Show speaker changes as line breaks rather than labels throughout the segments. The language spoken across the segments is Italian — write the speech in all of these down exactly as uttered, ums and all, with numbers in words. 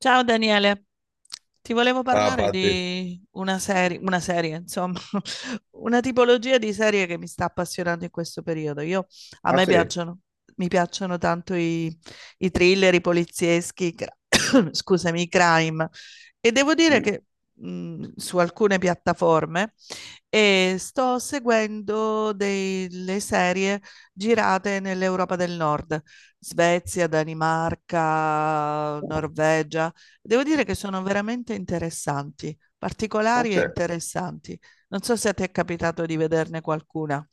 Ciao Daniele, ti volevo
Ah,
parlare
Patti.
di una serie, una serie, insomma, una tipologia di serie che mi sta appassionando in questo periodo. Io, a
Ah,
me
sì?
piacciono, mi piacciono tanto i, i thriller, i polizieschi, i cra- scusami, i crime. E devo dire
Mm,
che mh, su alcune piattaforme eh, sto seguendo delle serie girate nell'Europa del Nord, Svezia, Danimarca,
oh,
Norvegia. Devo dire che sono veramente interessanti,
ah,
particolari e
sì.
interessanti. Non so se ti è capitato di vederne qualcuna.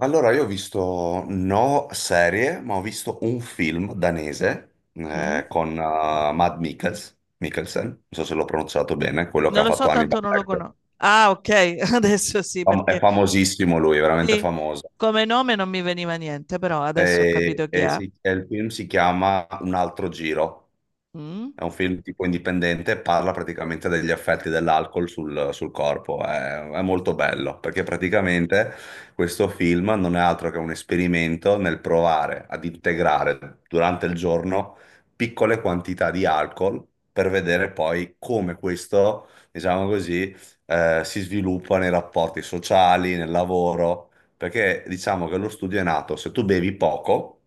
Allora, io ho visto no serie, ma ho visto un film danese
Mm?
eh, con eh, Matt Mikkels, Mikkelsen, non so se l'ho pronunciato bene, quello che
Non
ha
lo so,
fatto
tanto
Hannibal
non lo
Lecter.
conosco. Ah, ok, adesso sì,
Fam- è
perché
famosissimo lui, è veramente
sì,
famoso.
come nome non mi veniva niente, però adesso ho
E,
capito chi
e
è.
si- e il film si chiama Un altro giro.
Mm?
È un film tipo indipendente e parla praticamente degli effetti dell'alcol sul, sul corpo. È, è molto bello perché praticamente questo film non è altro che un esperimento nel provare ad integrare durante il giorno piccole quantità di alcol per vedere poi come questo, diciamo così, eh, si sviluppa nei rapporti sociali, nel lavoro. Perché diciamo che lo studio è nato, se tu bevi poco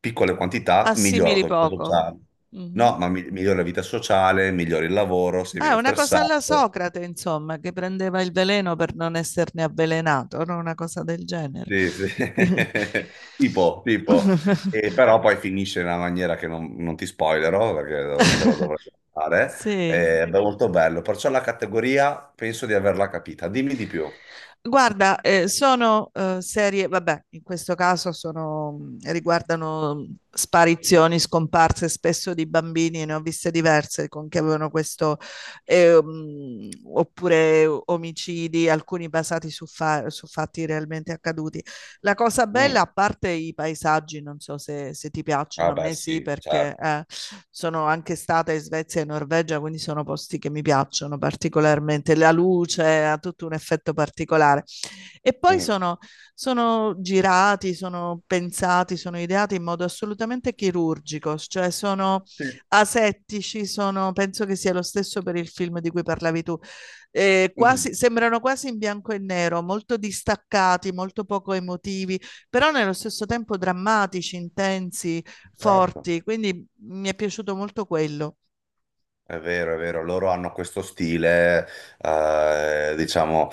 piccole quantità, migliora la
Assimili
tua vita
poco.
sociale.
Mhm.
No, ma mi- migliora la vita sociale, migliora il lavoro, sei
Ah, è
meno
una cosa alla
stressato.
Socrate, insomma, che prendeva il veleno per non esserne avvelenato, no? Una cosa del genere.
Sì, sì. Tipo, tipo. E però poi finisce in una maniera che non, non ti spoilerò perché lo- te lo dovrei fare.
Sì.
È molto bello. Perciò la categoria penso di averla capita. Dimmi di più.
Guarda, eh, sono eh, serie, vabbè, in questo caso sono, mm, riguardano mm, sparizioni, scomparse spesso di bambini, ne ho viste diverse con che avevano questo, eh, mm, oppure omicidi, alcuni basati su, fa- su fatti realmente accaduti. La cosa
Mm.
bella, a parte i paesaggi, non so se, se ti piacciono,
Ah
a
beh,
me sì,
sì,
perché
certo.
eh, sono anche stata in Svezia e Norvegia, quindi sono posti che mi piacciono particolarmente. La luce ha tutto un effetto particolare. E poi
Mm.
sono, sono girati, sono pensati, sono ideati in modo assolutamente chirurgico, cioè sono
Sì.
asettici, sono, penso che sia lo stesso per il film di cui parlavi tu. Eh,
Mm.
quasi, sembrano quasi in bianco e nero, molto distaccati, molto poco emotivi, però nello stesso tempo drammatici, intensi,
Certo.
forti. Quindi mi è piaciuto molto quello.
È vero, è vero, loro hanno questo stile, eh, diciamo,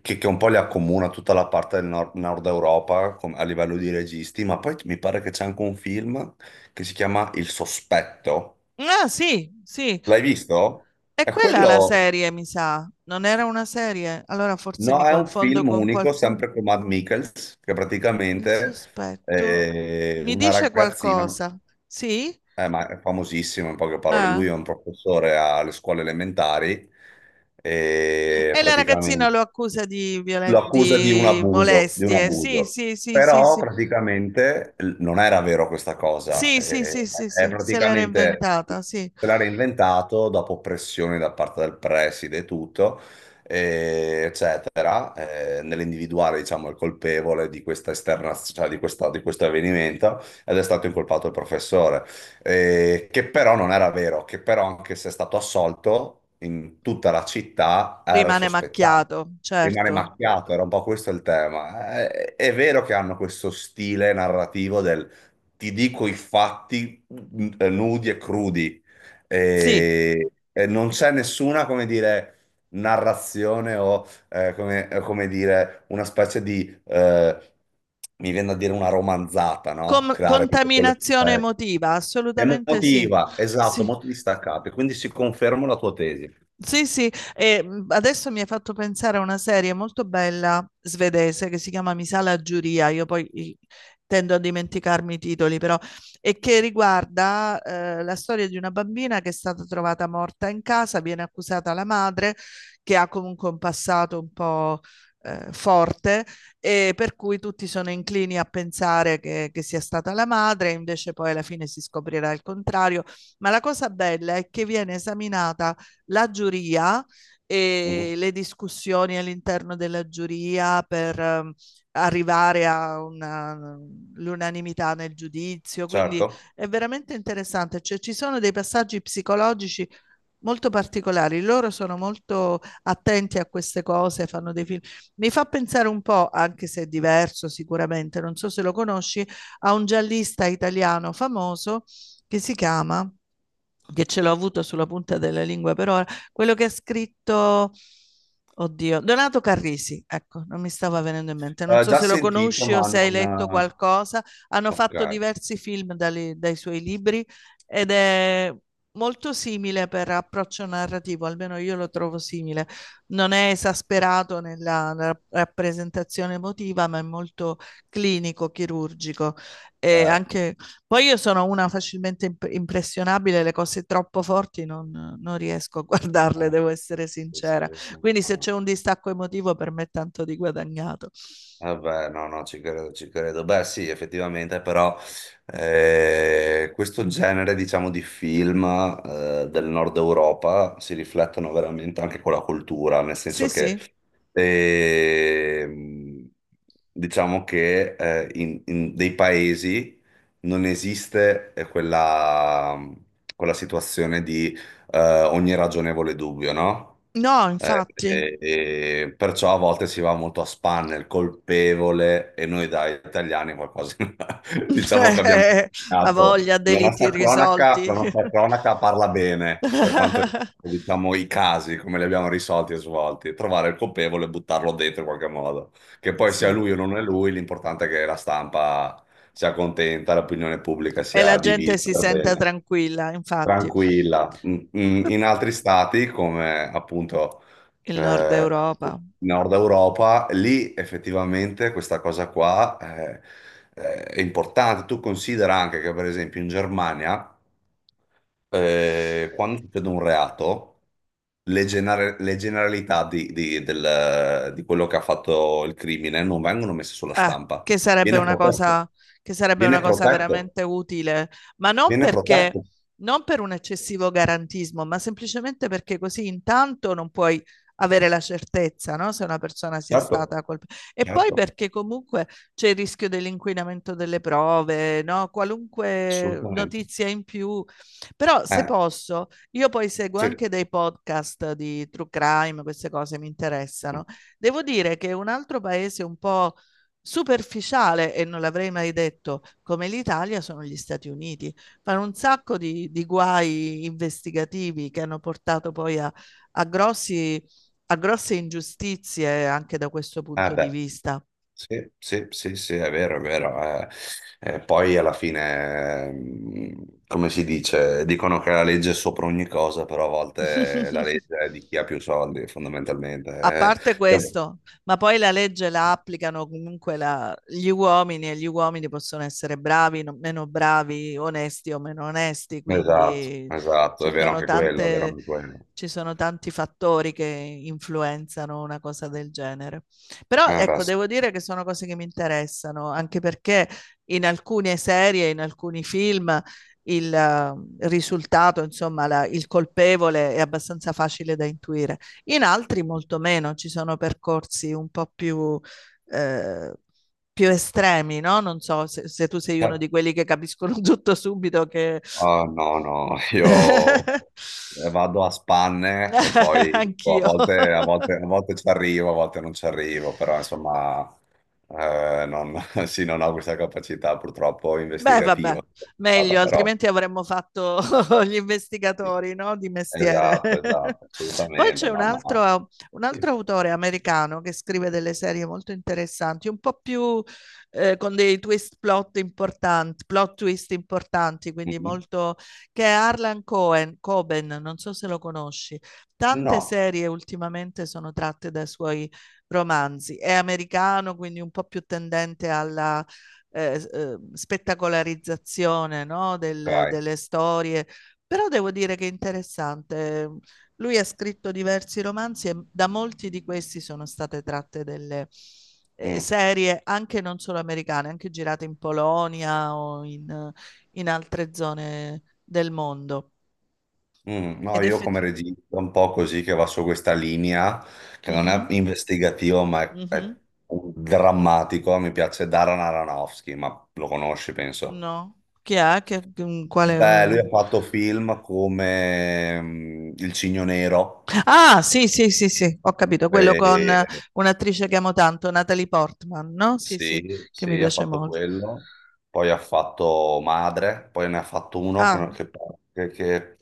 che, che un po' li accomuna tutta la parte del nord, nord Europa com- a livello di registi, ma poi mi pare che c'è anche un film che si chiama Il Sospetto.
Ah, sì, sì.
L'hai visto?
E
È
quella è la
quello,
serie, mi sa. Non era una serie? Allora forse mi
no, è un
confondo
film
con
unico,
qualcuno.
sempre con Matt Mikkels, che
Il
praticamente
sospetto
è
mi
una
dice
ragazzina,
qualcosa. Sì?
eh, ma è famosissimo in poche parole, lui
Ah.
è un professore alle scuole elementari e
E la ragazzina
praticamente...
lo accusa di,
lo
violen-
accusa di un
di
abuso, di un
molestie. Sì,
abuso.
sì, sì, sì,
Però
sì.
praticamente l- non era vero questa cosa,
Sì, sì,
eh,
sì, sì,
è
sì. Se l'era
praticamente
inventata, sì.
se l'era inventato dopo pressioni da parte del preside e tutto, eh, eccetera, eh, nell'individuare, diciamo, il colpevole di questa esterna, cioè di questa- di questo avvenimento, ed è stato incolpato il professore, eh, che però non era vero, che però anche se è stato assolto, in tutta la città era il
Rimane
sospettato.
macchiato,
Rimane
certo.
macchiato, era un po' questo il tema. Eh, È, vero che hanno questo stile narrativo del ti dico i fatti n- nudi e crudi,
Sì.
e, e non c'è nessuna, come dire, narrazione o, eh, come, eh, come dire, una specie di, eh, mi viene a dire una romanzata, no?
Com-
Creare tutto quelle...
contaminazione
eh,
emotiva, assolutamente sì.
emotiva, esatto,
Sì.
molto distaccata. Quindi si conferma la tua tesi.
Sì, sì, e mh, adesso mi hai fatto pensare a una serie molto bella svedese che si chiama Mi sa la giuria, io poi i- tendo a dimenticarmi i titoli però, e che riguarda eh, la storia di una bambina che è stata trovata morta in casa, viene accusata la madre che ha comunque un passato un po' eh, forte e per cui tutti sono inclini a pensare che, che sia stata la madre, invece poi alla fine si scoprirà il contrario, ma la cosa bella è che viene esaminata la giuria e
Mhm.
le discussioni all'interno della giuria per ehm, arrivare all'unanimità nel giudizio, quindi
Certo.
è veramente interessante. Cioè, ci sono dei passaggi psicologici molto particolari, loro sono molto attenti a queste cose, fanno dei film. Mi fa pensare un po', anche se è diverso sicuramente, non so se lo conosci, a un giallista italiano famoso che si chiama, che ce l'ho avuto sulla punta della lingua per ora, quello che ha scritto, oddio, Donato Carrisi, ecco, non mi stava venendo in mente, non
Eh,
so
già
se lo
sentito,
conosci o
ma
se hai letto
non...
qualcosa. Hanno fatto
Ok,
diversi film dai, dai suoi libri ed è molto simile per approccio narrativo, almeno io lo trovo simile, non è esasperato nella, nella rappresentazione emotiva, ma è molto clinico, chirurgico e
certo.
anche poi io sono una facilmente imp- impressionabile, le cose troppo forti non, non riesco a guardarle,
Ah,
devo
sì,
essere
sì, sì,
sincera.
no,
Quindi se
no.
c'è un distacco emotivo per me è tanto di guadagnato.
Vabbè, no, no, ci credo, ci credo. Beh, sì, effettivamente, però eh, questo genere, diciamo, di film eh, del nord Europa si riflettono veramente anche con la cultura, nel
Sì,
senso che
sì.
ehm, diciamo che eh, in, in dei paesi non esiste eh, quella, quella situazione di eh, ogni ragionevole dubbio, no?
No,
Eh,
infatti.
e- e perciò a volte si va molto a spanne, il colpevole, e noi da italiani qualcosa diciamo che abbiamo
Ha
insegnato.
voglia,
La
deliti
nostra cronaca, la
risolti.
nostra cronaca parla bene per quanto riguarda, diciamo, i casi, come li abbiamo risolti e svolti, trovare il colpevole e buttarlo dentro in qualche modo. Che poi sia
Sì.
lui o non è lui, l'importante è che la stampa sia contenta, l'opinione pubblica
E la
sia
gente
divisa
si
per
sente
bene.
tranquilla, infatti.
Tranquilla. Mm, mm, in altri stati, come appunto
Il Nord
eh,
Europa.
Nord Europa, lì effettivamente questa cosa qua eh, eh, è importante. Tu considera anche che, per esempio, in Germania, eh, quando succede un reato, le, gener- le generalità di, di- del- di quello che ha fatto il crimine non vengono messe sulla
Eh,
stampa.
che sarebbe
Viene
una
protetto.
cosa, che sarebbe una
Viene
cosa
protetto.
veramente utile, ma non
Viene
perché,
protetto.
non per un eccessivo garantismo, ma semplicemente perché così intanto non puoi avere la certezza, no? Se una persona sia
Certo,
stata colpita. E poi
certo.
perché comunque c'è il rischio dell'inquinamento delle prove, no? Qualunque
Assolutamente.
notizia in più. Però se
Eh,
posso, io poi seguo
sì. Eh,
anche dei podcast di true crime, queste cose mi interessano. Devo dire che un altro paese un po' superficiale, e non l'avrei mai detto, come l'Italia sono gli Stati Uniti. Fanno un sacco di, di guai investigativi che hanno portato poi a, a, grossi, a grosse ingiustizie anche da questo punto di
beh.
vista.
Sì, sì, sì, sì, è vero, è vero. Eh, Eh, poi alla fine, ehm, come si dice, dicono che la legge è sopra ogni cosa, però a volte la legge è di chi ha più soldi,
A
fondamentalmente.
parte
Eh. Io-
questo, ma poi la legge la applicano comunque la- gli uomini e gli uomini possono essere bravi, no- meno bravi, onesti o meno onesti,
Esatto,
quindi
esatto, è
ci
vero
sono
anche quello, è vero
tante,
anche quello.
ci sono tanti fattori che influenzano una cosa del genere. Però
Eh, beh,
ecco, devo dire che sono cose che mi interessano, anche perché in alcune serie, in alcuni film, il eh, risultato, insomma, la- il colpevole è abbastanza facile da intuire. In altri molto meno, ci sono percorsi un po' più, eh, più estremi, no? Non so se, se tu sei
sì.
uno di quelli che capiscono tutto subito che...
Ah, no, no, io eh, vado a spanne e poi boh, a
Anch'io.
volte, a volte- a volte ci arrivo, a volte non ci arrivo, però insomma eh, non, sì, non ho questa capacità purtroppo
Beh,
investigativa.
vabbè,
Stata,
meglio,
però,
altrimenti avremmo fatto gli
sì.
investigatori, no? Di mestiere.
Esatto, esatto,
Poi
assolutamente,
c'è un
no, ma...
altro, un
sì.
altro autore americano che scrive delle serie molto interessanti, un po' più eh, con dei twist plot importanti, plot twist importanti, quindi
Mhm.
molto... che è Harlan Cohen, Coben, non so se lo conosci. Tante
No,
serie ultimamente sono tratte dai suoi romanzi. È americano, quindi un po' più tendente alla eh, eh, spettacolarizzazione, no? Del-
ok.
delle storie, però devo dire che è interessante. ehm, Lui ha scritto diversi romanzi e da molti di questi sono state tratte delle eh,
Mm.
serie anche non solo americane, anche girate in Polonia o in, in altre zone del mondo.
Mm, no,
Ed
io come
effettivamente...
regista un po' così che va su questa linea, che non è
Mhm,
investigativo, ma è,
mhm.
è un drammatico. Mi piace Darren Aronofsky, ma lo conosci, penso.
No, chi è? Che, quale...
Beh,
mm?
lui ha fatto film come mm, Il Cigno Nero.
Ah, sì, sì, sì, sì, ho capito, quello con
E
eh, un'attrice che amo tanto, Natalie Portman, no? Sì, sì,
sì,
che mi
sì, ha
piace
fatto
molto.
quello, poi ha fatto Madre, poi ne ha fatto uno
Ah,
che, che, che, che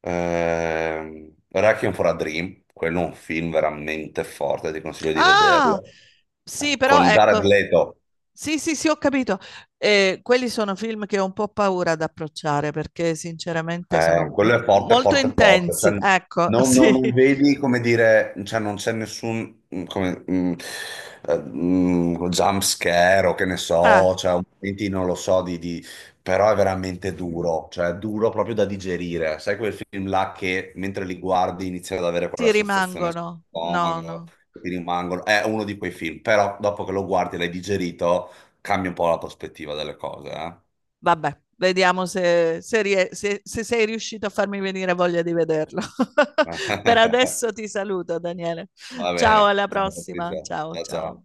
ehm, Requiem for a Dream, quello è un film veramente forte, ti consiglio di
ah,
vederlo.
sì,
Eh,
però
con Jared
ecco,
Leto.
sì, sì, sì, ho capito. Eh, quelli sono film che ho un po' paura ad approcciare perché sinceramente
Eh,
sono m-
quello è forte,
molto
forte, forte. Cioè,
intensi, ecco,
non, non-
sì.
non vedi come dire, cioè, non c'è nessun mm, come, mm, eh, mm, jump scare o che ne
Ah,
so, cioè, un momenti, non lo so, di, di- però è veramente duro, cioè è duro proprio da digerire. Sai quel film là che mentre li guardi inizi ad avere
ti
quella sensazione
rimangono.
sullo
No, no.
stomaco, che ti rimangono. È uno di quei film, però dopo che lo guardi e l'hai digerito, cambia un po' la prospettiva delle cose, eh?
Vabbè, vediamo se, se, rie- se- se sei riuscito a farmi venire voglia di vederlo. Per adesso ti saluto, Daniele.
Va
Ciao,
bene,
alla
ciao
prossima.
Patrizia,
Ciao,
ciao
ciao.
ciao.